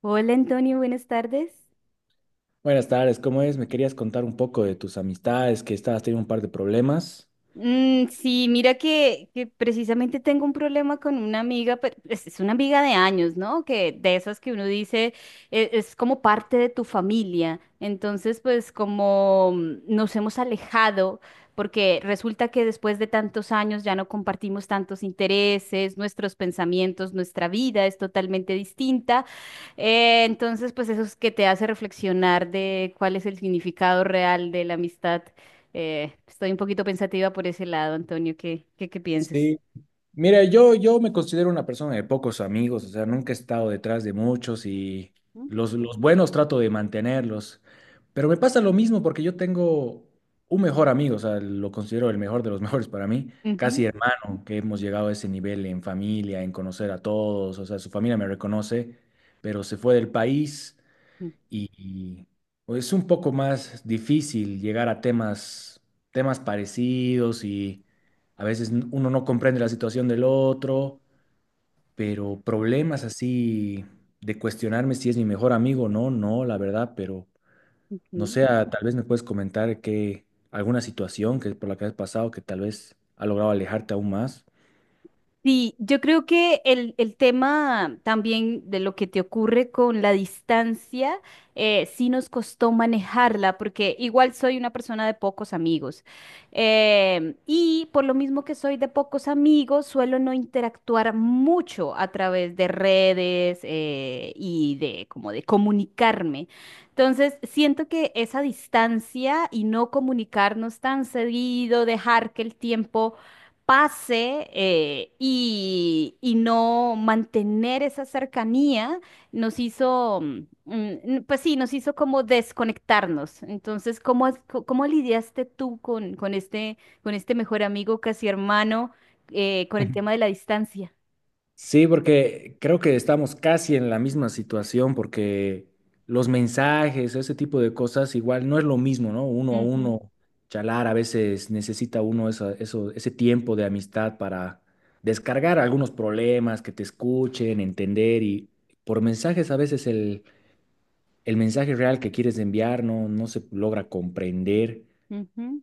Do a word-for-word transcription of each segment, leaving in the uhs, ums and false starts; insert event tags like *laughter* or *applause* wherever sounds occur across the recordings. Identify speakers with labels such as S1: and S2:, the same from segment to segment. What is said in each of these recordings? S1: Hola Antonio, buenas tardes.
S2: Buenas tardes, ¿cómo es? Me querías contar un poco de tus amistades, que estabas teniendo un par de problemas.
S1: Mm, sí, mira que, que precisamente tengo un problema con una amiga, pero es es una amiga de años, ¿no? Que de esas que uno dice e- es, como parte de tu familia. Entonces, pues como mm, nos hemos alejado, porque resulta que después de tantos años ya no compartimos tantos intereses, nuestros pensamientos, nuestra vida es totalmente distinta. Eh, entonces, pues eso es que te hace reflexionar de cuál es el significado real de la amistad. Eh, estoy un poquito pensativa por ese lado, Antonio. ¿Qué, qué, qué piensas?
S2: Sí. Mira, yo, yo me considero una persona de pocos amigos, o sea, nunca he estado detrás de muchos y
S1: ¿Mm?
S2: los, los buenos trato de mantenerlos, pero me pasa lo mismo porque yo tengo un mejor amigo, o sea, lo considero el mejor de los *laughs* mejores para mí,
S1: Ujú,
S2: casi hermano, que hemos llegado a ese nivel en familia, en conocer a todos, o sea, su familia me reconoce, pero se fue del país. y, y, pues, es un poco más difícil llegar a temas, temas parecidos y a veces n- uno no comprende la situación del otro, pero problemas así de cuestionarme si es mi mejor amigo o no, no, la verdad, pero no
S1: ujú.
S2: sé, ah, tal vez me puedes comentar que alguna situación que por la que has pasado que tal vez ha logrado alejarte aún más.
S1: Sí, yo creo que el, el tema también de lo que te ocurre con la distancia, eh, sí nos costó manejarla, porque igual soy una persona de pocos amigos. Em, y por lo mismo que soy de pocos amigos, suelo no interactuar mucho a través de redes, eh, y de como de comunicarme. Entonces, siento que esa distancia y no comunicarnos tan seguido, dejar que el tiempo pase eh, y, y no mantener esa cercanía nos hizo, mm, mm, pues sí, nos hizo como desconectarnos. Entonces, ¿cómo, has- co- cómo lidiaste tú con, con este, con este mejor amigo, casi hermano, eh, con el tema de la distancia?
S2: Sí, porque creo que estamos casi en la misma situación, porque los mensajes, ese tipo de cosas, igual no es lo mismo, ¿no? Uno a
S1: Ujú,
S2: uno, charlar, a veces necesita uno esa- eso, ese tiempo de amistad para descargar algunos problemas, que te escuchen, entender, y por mensajes a veces el, el mensaje real que quieres enviar no, no se logra comprender.
S1: ujú,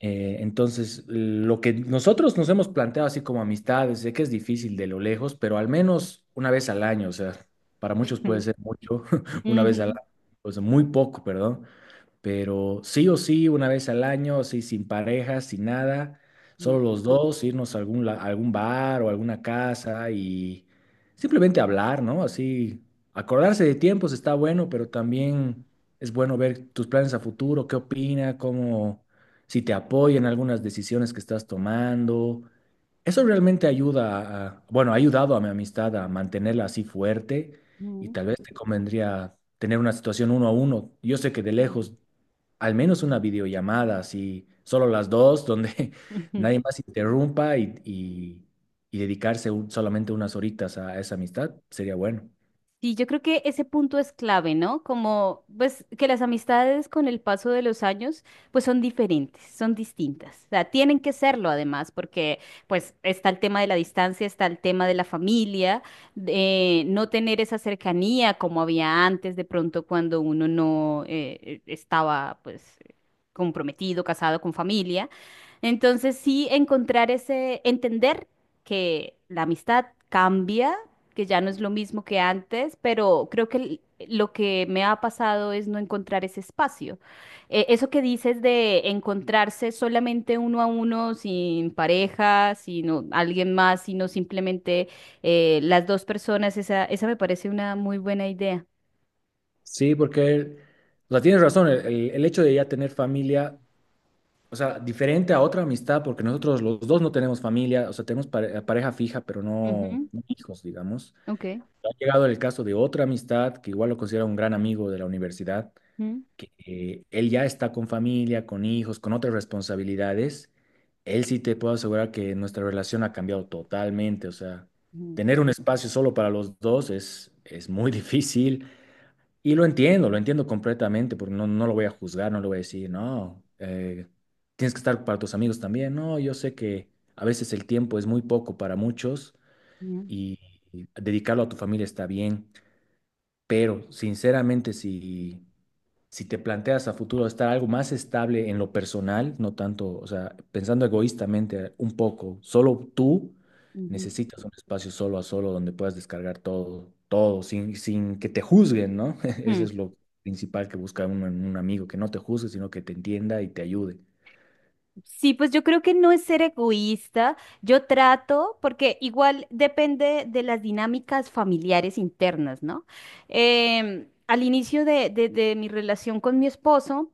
S2: Eh, entonces, lo que nosotros nos hemos planteado así como amistades, sé que es difícil de lo lejos, pero al menos una vez al año, o sea, para muchos puede ser
S1: *laughs*
S2: mucho, *laughs* una vez al
S1: ujú,
S2: año, o sea, muy poco, perdón, pero sí o sí, una vez al año, así sin pareja, sin nada, solo los dos, irnos a algún, la- a algún bar o alguna casa y simplemente hablar, ¿no? Así, acordarse de tiempos está bueno, pero también es bueno ver tus planes a futuro, qué opina, cómo, si te apoya en algunas decisiones que estás tomando. Eso realmente ayuda a, bueno, ha ayudado a mi amistad a mantenerla así fuerte, y
S1: ujú,
S2: tal vez te convendría tener una situación uno a uno. Yo sé que de
S1: ujú,
S2: lejos, al menos una videollamada, así, solo las dos, donde
S1: ujú,
S2: *laughs*
S1: ujú.
S2: nadie más interrumpa y, y- y dedicarse un- solamente unas horitas a esa amistad, sería bueno.
S1: Sí, yo creo que ese punto es clave, ¿no? Como, pues, que las amistades con el paso de los años, pues son diferentes, son distintas. O sea, tienen que serlo además, porque, pues, está el tema de la distancia, está el tema de la familia, de no tener esa cercanía como había antes, de pronto cuando uno no eh, estaba, pues, comprometido, casado con familia. Entonces, sí, encontrar ese, entender que la amistad cambia, que ya no es lo mismo que antes, pero creo que l- lo que me ha pasado es no encontrar ese espacio. Eh, eso que dices de encontrarse solamente uno a uno, sin pareja, sino alguien más, sino simplemente eh, las dos personas, esa, esa me parece una muy buena idea.
S2: Sí, porque, o sea, tienes razón, el, el- el hecho de ya tener familia, o sea, diferente a otra amistad, porque nosotros los dos no tenemos familia, o sea, tenemos pare- pareja fija, pero no,
S1: Ujú,
S2: no hijos, digamos.
S1: ok.
S2: Ha llegado el caso de otra amistad, que igual lo considero un gran amigo de la universidad
S1: Ujú,
S2: que eh, él ya está con familia, con hijos, con otras responsabilidades, él sí te puedo asegurar que nuestra relación ha cambiado totalmente. O sea, tener un espacio solo para los dos es, es muy *laughs* difícil y lo entiendo, lo entiendo completamente, porque no, no lo voy a juzgar, no le voy a decir, no, eh, tienes que estar para tus amigos también. No, yo sé que a veces el tiempo es muy poco para muchos,
S1: ujú,
S2: y y dedicarlo a tu familia está bien, pero sinceramente si si te planteas a futuro estar algo más estable en lo personal, no tanto, o sea, pensando egoístamente un poco, solo tú
S1: ujú,
S2: necesitas un espacio solo a solo donde puedas descargar todo, todo, sin, sin que te juzguen, ¿no? *laughs* Ese
S1: ujú.
S2: es lo principal que busca uno en un amigo, que no te juzgue, sino que te entienda y te ayude.
S1: Sí, pues yo creo que no es ser egoísta. Yo trato, porque igual depende de las dinámicas familiares internas, ¿no? Em, al inicio de, de- de mi relación con mi esposo,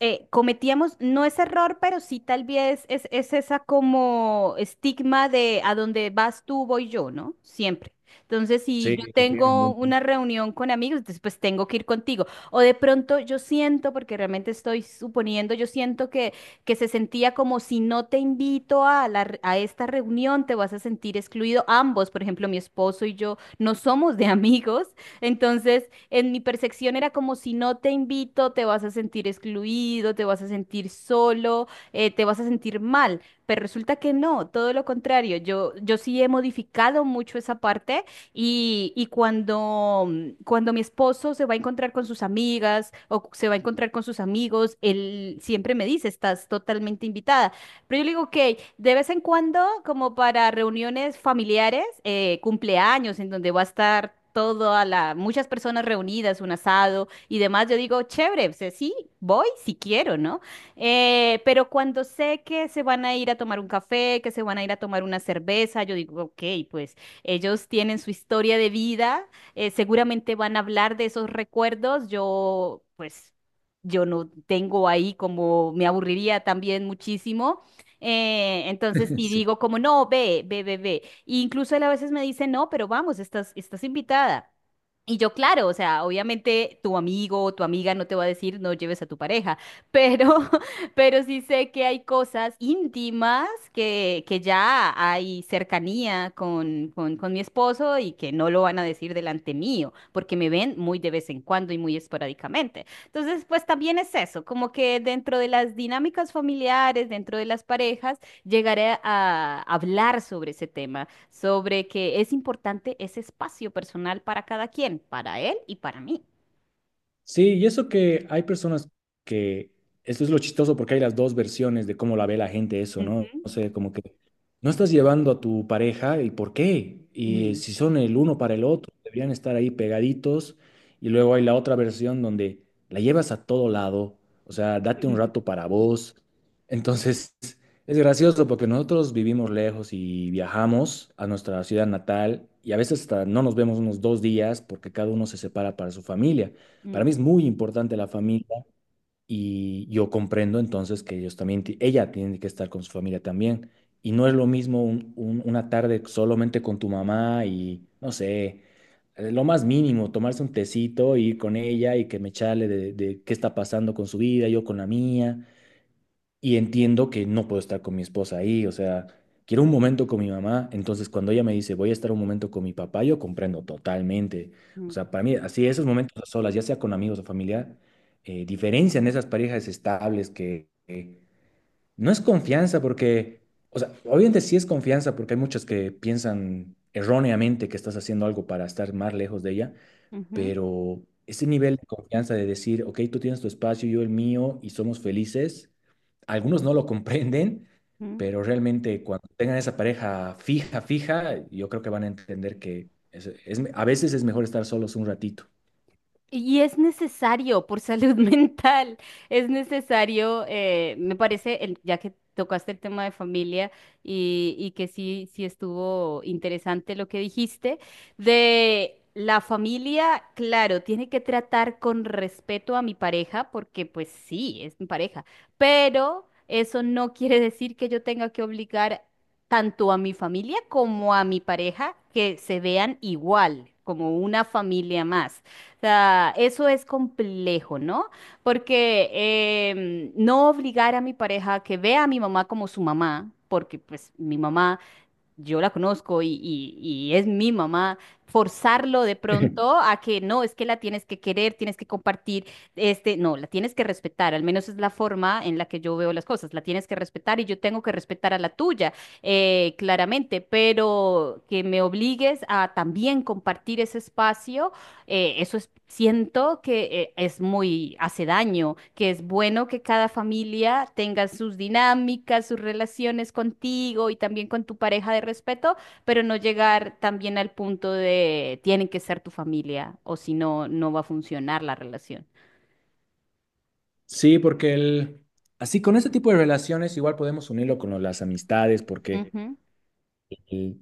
S1: eh, cometíamos, no es error, pero sí tal vez es, es esa como estigma de a donde vas tú, voy yo, ¿no? Siempre. Entonces, si yo
S2: Sí, es bien,
S1: tengo
S2: bien.
S1: una reunión con amigos, entonces, pues tengo que ir contigo. O de pronto yo siento, porque realmente estoy suponiendo, yo siento que que se sentía como si no te invito a la re- a esta reunión, te vas a sentir excluido. Ambos, por ejemplo, mi esposo y yo, no somos de *laughs* amigos, entonces en mi percepción era como si no te invito, te vas a sentir excluido, te vas a sentir solo, eh, te vas a sentir mal. Pero resulta que no, todo lo contrario. Yo, yo sí he modificado mucho esa parte y, y cuando, mm, cuando mi esposo se va a encontrar con sus amigas o se va a encontrar con sus amigos, él siempre me dice, estás totalmente invitada. Pero yo le digo, ok, de vez en cuando, como para reuniones familiares, eh, cumpleaños, en donde va a estar toda la, muchas personas reunidas, un asado y demás, yo digo, chévere, o sea, sí, voy si quiero, ¿no? Eh, pero cuando sé que se van a ir a tomar un café, que se van a ir a tomar una cerveza, yo digo, ok, pues ellos tienen su historia de vida, eh, seguramente van a hablar de esos recuerdos. Yo, pues, yo no tengo ahí como me aburriría también muchísimo. Eh, entonces,
S2: *laughs*
S1: sí
S2: Sí.
S1: digo como, no, ve, ve, ve, ve. E incluso él a veces me dice, no, pero vamos, estás, estás invitada. Y yo, claro, o sea, obviamente tu amigo o tu amiga no te va a decir no lleves a tu pareja, *laughs* pero pero sí sé que hay cosas íntimas que, que ya hay cercanía con, con, con mi esposo y que no lo van a decir delante mío, porque me ven muy de vez en cuando y muy esporádicamente. Entonces, pues también es eso, como que dentro de las dinámicas familiares, dentro de las parejas, llegaré a hablar sobre ese tema, sobre que es importante ese espacio personal para cada quien, para él y para mí.
S2: Sí, y eso que hay personas que, esto es lo chistoso porque hay las dos versiones de cómo la ve la gente eso, ¿no?
S1: Ujú.
S2: O sea, como que no estás llevando a tu pareja y por qué, y eh,
S1: Mm.
S2: si son el uno para el otro, deberían estar ahí pegaditos, y luego hay la otra versión donde la llevas a todo lado, o sea, date un rato
S1: *laughs*
S2: para vos. Entonces, *laughs* es gracioso porque nosotros vivimos lejos y viajamos a nuestra ciudad natal y a veces hasta no nos vemos unos dos días porque cada uno se separa para su familia. Para
S1: Mm.
S2: mí es muy importante la familia y yo comprendo entonces que ellos también, ti- ella tiene que estar con su familia también. Y no es lo mismo un- un- una tarde solamente con tu mamá y, no sé, eh, lo más mínimo, tomarse un tecito, ir con ella y que me charle de, de qué está pasando con su vida, yo con la mía y entiendo que no puedo estar con mi esposa ahí, o sea, quiero un momento con mi mamá, entonces cuando ella me dice, voy a estar un momento con mi papá, yo comprendo totalmente. O
S1: Mm.
S2: sea, para mí, así esos momentos a solas, ya sea con amigos o familia, eh, diferencian esas parejas estables que que no es confianza porque, o sea, obviamente sí es confianza porque hay muchas que piensan erróneamente que estás haciendo algo para estar más lejos de ella,
S1: Ujú.
S2: pero ese nivel de confianza de decir, ok, tú tienes tu espacio, yo el mío y somos felices, algunos no lo comprenden,
S1: Ujú.
S2: pero realmente cuando tengan esa pareja fija, fija, yo creo que van a entender que es- es- a veces es mejor estar solos un ratito.
S1: Y es necesario por salud *laughs* mental, es necesario, eh, me parece, el- ya que tocaste el tema de familia y, y que sí, sí estuvo interesante lo que dijiste, de la familia, claro, tiene que tratar con respeto a mi pareja, porque pues sí, es mi pareja, pero eso no quiere decir que yo tenga que obligar tanto a mi familia como a mi pareja que se vean igual, como una familia más sea, eso es complejo, ¿no? Porque em, no obligar a mi pareja a que vea a mi mamá como su mamá, porque pues mi mamá, yo la conozco y, y- y es mi mamá, forzarlo de pronto
S2: *laughs*
S1: a que no, es que la tienes que querer, tienes que compartir, este, no, la tienes que respetar, al menos es la forma en la que yo veo las cosas, la tienes que respetar y yo tengo que respetar a la tuya, eh, claramente, pero que me obligues a también compartir ese espacio eh, eso es, siento que eh, es muy, hace daño, que es bueno que cada familia tenga sus dinámicas, sus relaciones contigo y también con tu pareja de respeto, pero no llegar también al punto de tienen que ser tu familia o si no, no va a funcionar la relación.
S2: Sí, porque el, así con este tipo de relaciones igual podemos unirlo con lo- las amistades, porque
S1: Ujú,
S2: el-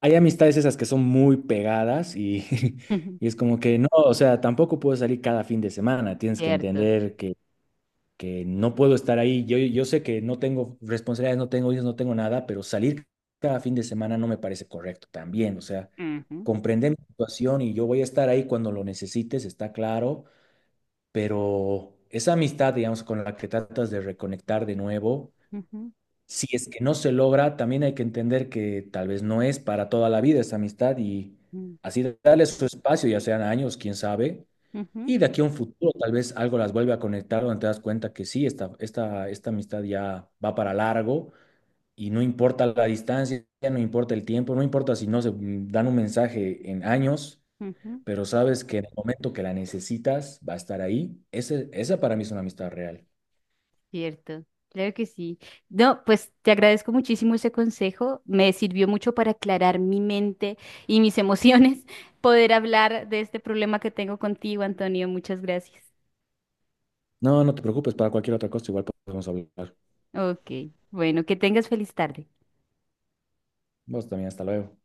S2: hay amistades esas que son muy pegadas y,
S1: ujú,
S2: *laughs* y es como que no, o sea, tampoco puedes salir cada fin de semana, tienes que
S1: cierto.
S2: entender que no puedo estar ahí. Yo, yo sé que no tengo responsabilidades, no tengo hijos, no tengo nada, pero salir cada fin de semana no me parece correcto también. O sea,
S1: Ujú,
S2: comprender mi situación y yo voy a estar ahí cuando lo necesites, está claro, pero esa amistad, digamos, con la que tratas de reconectar de nuevo,
S1: ujú,
S2: si es que no se logra, también hay que entender que tal vez no es para toda la vida esa amistad, y
S1: ujú,
S2: así darle su espacio, ya sean años, quién sabe,
S1: ujú,
S2: y de aquí a un futuro tal vez algo las vuelve a conectar donde te das cuenta que sí, esta, esta, esta amistad ya va para largo y no importa la distancia, no importa el tiempo, no importa si no se mm, dan un mensaje en años,
S1: ujú.
S2: pero sabes que en el momento que la necesitas va a estar ahí. Ese, esa para mí es una amistad real.
S1: Cierto, claro que sí. No, pues te agradezco muchísimo ese consejo. Me sirvió mucho para aclarar mi mente y mis emociones, *laughs* poder hablar de este problema que tengo contigo, Antonio. Muchas gracias.
S2: No, no te preocupes, para cualquier otra cosa igual podemos hablar.
S1: Ok, bueno, que tengas feliz tarde.
S2: Vos también, hasta luego.